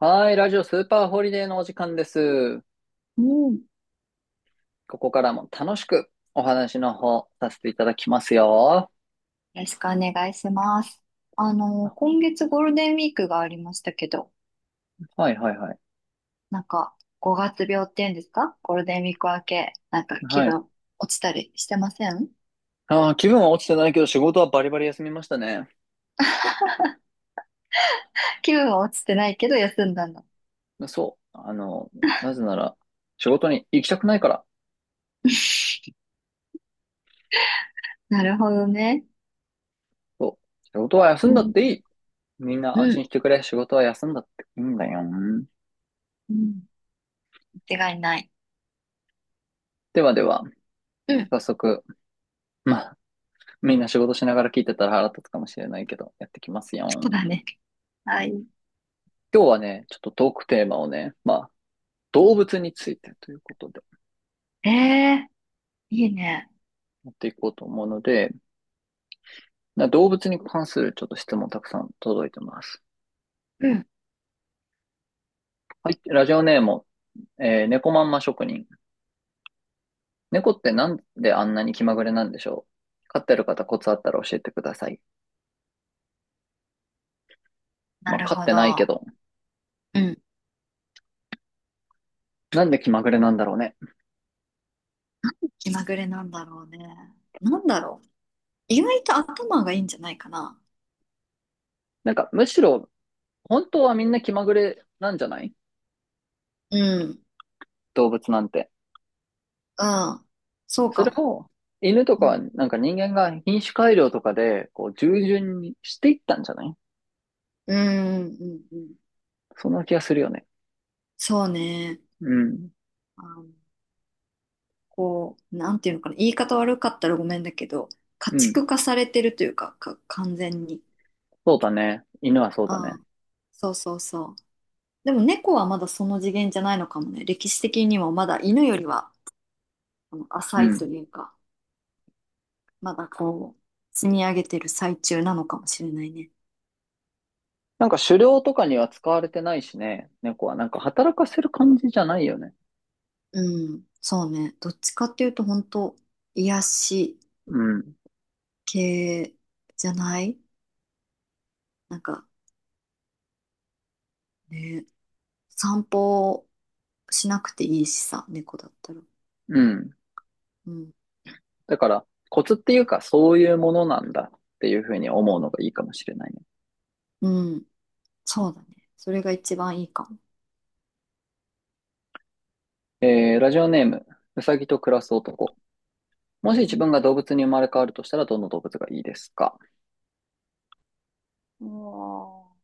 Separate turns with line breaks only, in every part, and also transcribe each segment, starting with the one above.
はい、ラジオスーパーホリデーのお時間です。
うん。よ
ここからも楽しくお話の方させていただきますよ。
ろしくお願いします。
あ、
今月ゴールデンウィークがありましたけど、
はいはいはい。
なんか、5月病っていうんですか？ゴールデンウィーク明け、なんか気
はい。
分落ちたりしてません？
あー、気分は落ちてないけど仕事はバリバリ休みましたね。
気分は落ちてないけど休んだんだ。
そう。なぜなら仕事に行きたくないから。
なるほどね。
そう。仕事は休
う
んだっ
ん。
ていい。みんな
う
安心
ん。
してくれ。仕事は休んだっていいんだよ。
うん。間違いない。
ではでは、
うん。
早速、まあ、みんな仕事しながら聞いてたら腹立つかもしれないけど、やってきます
そう
よ。
だね。はい。
今日はね、ちょっとトークテーマをね、動物についてということで
ええー、いいね。
やっていこうと思うので、な動物に関するちょっと質問たくさん届いてます。
うん。
はい、ラジオネーム、猫まんま職人。猫ってなんであんなに気まぐれなんでしょう、飼ってる方コツあったら教えてください。
な
まあ、
る
飼っ
ほ
てないけ
ど。
ど、
うん。
なんで気まぐれなんだろうね。
気まぐれなんだろうね。なんだろう。意外と頭がいいんじゃないかな。
むしろ、本当はみんな気まぐれなんじゃない、
うん。
動物なんて。
ああ、そう
そ
か
れ
も。
を、犬と
う
か、
ん。
なんか人間が品種改良とかで、こう、従順にしていったんじゃない、
うん、うん、うんうんうんうん、
そんな気がするよね。
そうね。
うん。
あの、なんていうのかな。言い方悪かったらごめんだけど、家
うん。
畜化されてるというか、完全に。
そうだね。犬はそうだ
あ
ね。
あ、そうそうそう。でも猫はまだその次元じゃないのかもね。歴史的にもまだ犬よりは、浅
う
いと
ん。
いうか、まだ積み上げてる最中なのかもしれないね。
なんか狩猟とかには使われてないしね。猫はなんか働かせる感じじゃないよね。
うん、そうね。どっちかっていうと、本当、癒し
うん。
系じゃない？なんかね、散歩しなくていいしさ、猫だったら。
うん。
うん。
だから、コツっていうか、そういうものなんだっていうふうに思うのがいいかもしれないね。
うん。そうだね。それが一番いいかも。
ラジオネーム、うさぎと暮らす男。もし
う
自
ん。
分が動物に生まれ変わるとしたら、どの動物がいいですか？
おー、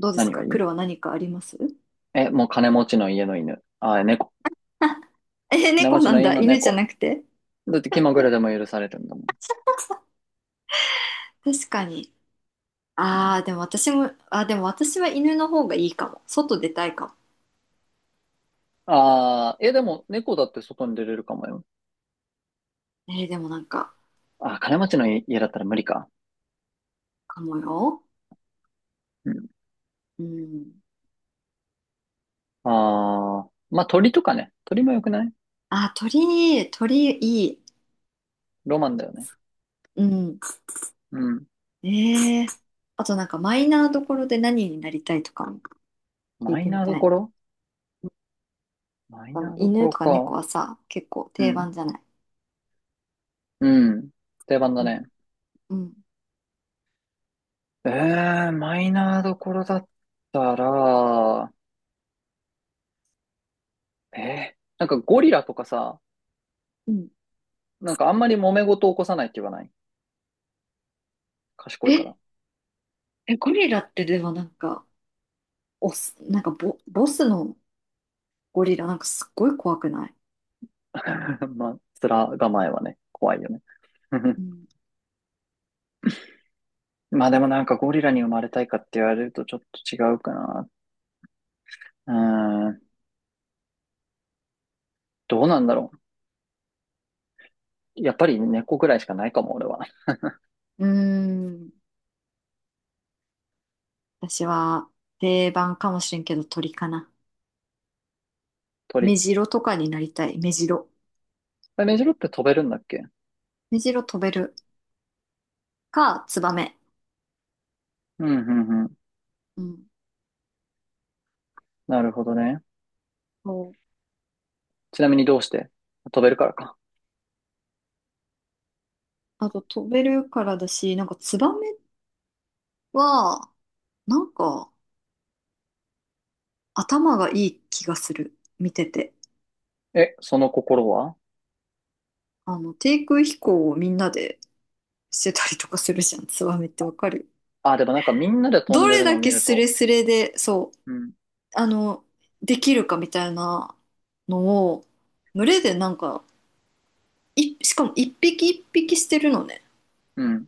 どうです
何
か？
がいい？
黒は何かあります？
え、もう金持ちの家の犬。あ、猫。
え、
金持
猫
ち
な
の
ん
家
だ。
の
犬じゃ
猫。
なくて。
だって気まぐれでも許されるんだもん。
確かに。ああ、でも私も、でも私は犬の方がいいかも。外出たいかも。
ああ、え、でも、猫だって外に出れるかもよ。
でもなんか、
あー、金持ちの家だったら無理か。
かもよ。
うん。
うん。
ああ、まあ、鳥とかね。鳥もよくない？
あー、鳥、鳥いい。
ロマンだよね。
うん。
うん。
ええあとなんかマイナーどころで何になりたいとかも聞い
マイ
てみ
ナーど
たい
こ
な。
ろ？マイナーどこ
犬
ろ
とか猫
か。
はさ、結構
う
定
ん。
番じゃない？
うん。定番だ
う
ね。
ん。うん。
ええ、マイナーどころだったら、なんかゴリラとかさ、
うん。
なんかあんまり揉め事起こさないって言わない？賢いか
え、
ら。
ゴリラってでもなんか、オス、なんかボスのゴリラなんかすっごい怖くない？
まあ、面構えはね、怖いよね。
う ん。
まあでもなんかゴリラに生まれたいかって言われるとちょっと違うかな。うーん。どうなんだろう。やっぱり猫ぐらいしかないかも、俺は。
うーん。私は定番かもしれんけど鳥かな。
鳥。
メジロとかになりたい。メジロ。
メジロって飛べるんだっけ？
メジロ飛べるか、ツバメ。
うん、うん、うん。
うん。
なるほどね。
そう。
ちなみにどうして？飛べるからか。
あと飛べるからだし、なんかツバメは、なんか頭がいい気がする。見てて。
え、その心は？
低空飛行をみんなでしてたりとかするじゃん。ツバメってわかる？
あ、でもなんかみんなで飛ん
ど
で
れ
るのを
だ
見
け
る
スレ
と、
スレで、そう、
うん、
あの、できるかみたいなのを、群れでなんか、しかも一匹一匹してるのね。
うん、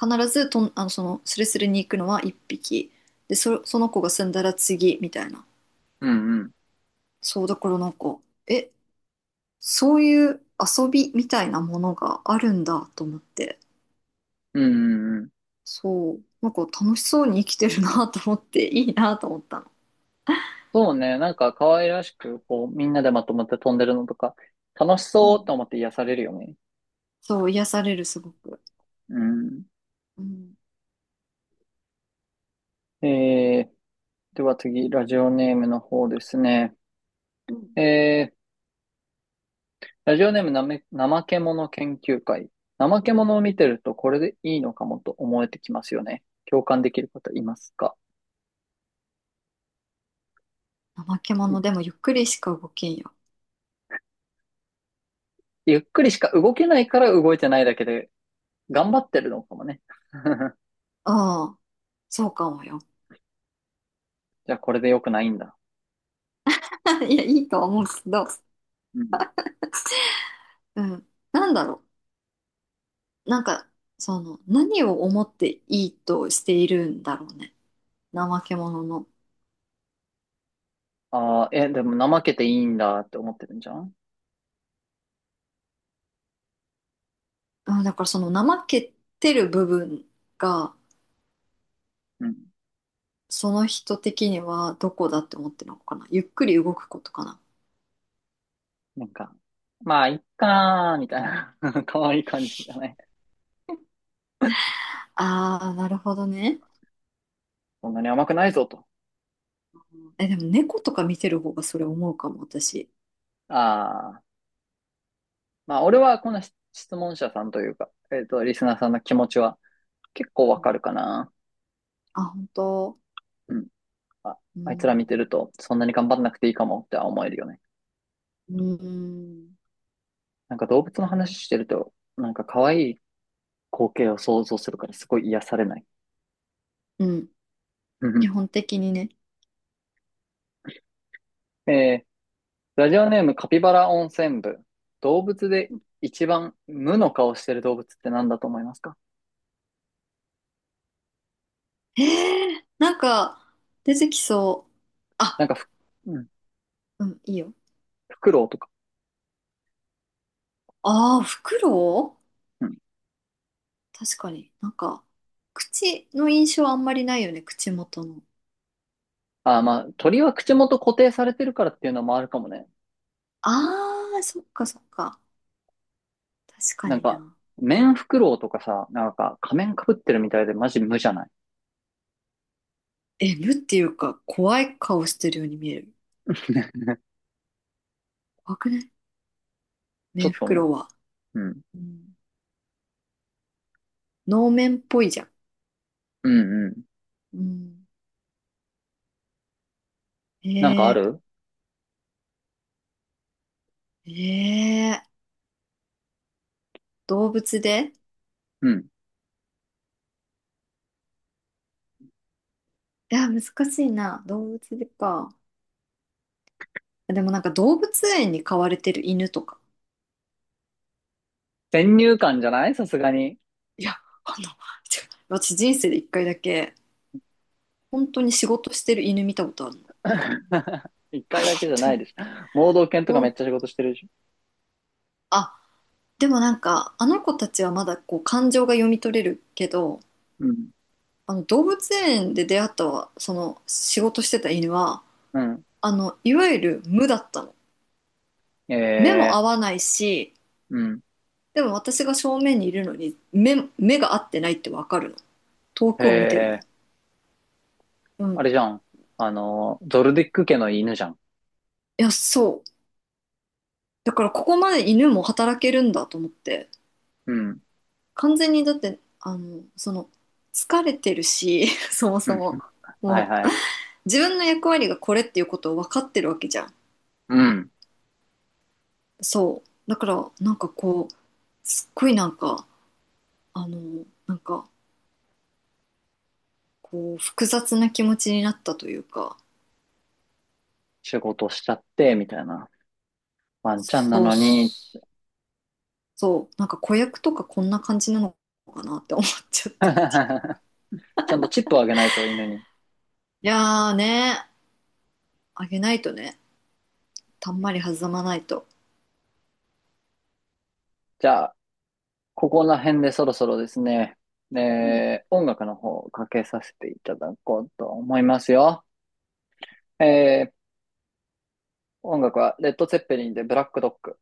必ずとん、あの、その、スレスレに行くのは一匹。で、その子が済んだら次、みたいな。
うん、うん、
そう、だからなんか、え、そういう遊びみたいなものがあるんだと思って。
うん、うんうん。
そう、なんか楽しそうに生きてるなと思って、いいなと思ったの。
そうね。なんか可愛らしく、こう、みんなでまとまって飛んでるのとか、楽し
う
そうっ
ん。
て思って癒されるよね。
そう、癒される、すごく。
うん。
うん。
えーでは次、ラジオネームの方ですね。
うん。
えー、ラジオネームなめ、怠け者研究会。怠け者を見てるとこれでいいのかもと思えてきますよね。共感できる方いますか？
怠け者でもゆっくりしか動けんよ。
ゆっくりしか動けないから動いてないだけで、頑張ってるのかもね。
ああ、そうかもよ。
じゃあこれで良くないんだ。
いや、いいとは思うけど、
うん。
うん。なんだろう。なんか、何を思っていいとしているんだろうね。怠け者の。
ああ、え、でも怠けていいんだって思ってるんじゃん？
うん、だからその怠けてる部分が、
うん。
その人的にはどこだって思ってるのかな。ゆっくり動くことかな。
なんか、まあ、いっかー、みたいな。可愛い感じだね。
ああ、なるほどね。
そんなに甘くないぞと。
え、でも猫とか見てる方がそれ思うかも、私。
ああ。まあ、俺はこの質問者さんというか、リスナーさんの気持ちは結構わかるかな。
あ、本当。
うん。あ、
う
あいつら見
ん。
てると、そんなに頑張んなくていいかもっては思えるよね。
うん。
なんか動物の話してると、なんか可愛い光景を想像するからすごい癒されない。
うん。
うん
基
う
本的にね。
ん。ラジオネームカピバラ温泉部。動物で一番無の顔してる動物って何だと思いますか？
なんか、出てきそう。
な
あ、
んかふ、うん、
うん、いいよ。
フクロウとか。
ああ、フクロ
うん。
ウ確かに。なんか、口の印象あんまりないよね、口元の。
あー、まあ、鳥は口元固定されてるからっていうのもあるかもね。
ああ、そっかそっか。確か
なん
に
か、
な。
面フクロウとかさ、なんか仮面かぶってるみたいでマジ無じゃない？
え、無っていうか、怖い顔してるように見える。怖くない？
ちょ
メン
っ
フ
と
ク
ね。
ロウは。
うん。
うん。能面っぽいじゃん。
うんうん。
うん。
なんかあ
え
る？
ー、えー、動物で
うん。
いや、難しいな。動物でか。でもなんか動物園に飼われてる犬とか。
先入観じゃないさすがに。
いや、違う私人生で一回だけ、本当に仕事してる犬見たことあるの。
一
本
回だけじゃ
当
ない
に。
でしょ。盲導犬とか
ほ
めっ
ん、
ちゃ仕事してるでしょ。
あ、でもなんか、あの子たちはまだこう感情が読み取れるけど、
うん。
あの動物園で出会ったわその仕事してた犬は、
うん。
いわゆる無だったの。目も
え
合
え、
わないし、
うん。
でも私が正面にいるのに目が合ってないってわかるの。遠くを見てるの。
ええ、
う
あ
ん。
れじゃん。あの、ゾルディック家の犬じゃん。
いや、そう、だからここまで犬も働けるんだと思って。
うん。
完全にだって疲れてるし そも
う
そ
ん。
も
はい
も
は
う
い。
自分の役割がこれっていうことを分かってるわけじゃん。
うん。
そうだからなんか、こう、すっごいなんか、なんか、こう、複雑な気持ちになったというか。
仕事しちゃって、みたいな。ワンちゃんな
そうっ
のに。
す。そう、なんか子役とかこんな感じなのかなって思っちゃったっていう。
ちゃんとチップをあげないと犬に。
いやーね、あげないとね、たんまり弾まないと。
じゃあ、ここら辺でそろそろですね、
うん。
えー音楽の方をかけさせていただこうと思いますよ。えー音楽はレッド・ツェッペリンでブラック・ドッグ。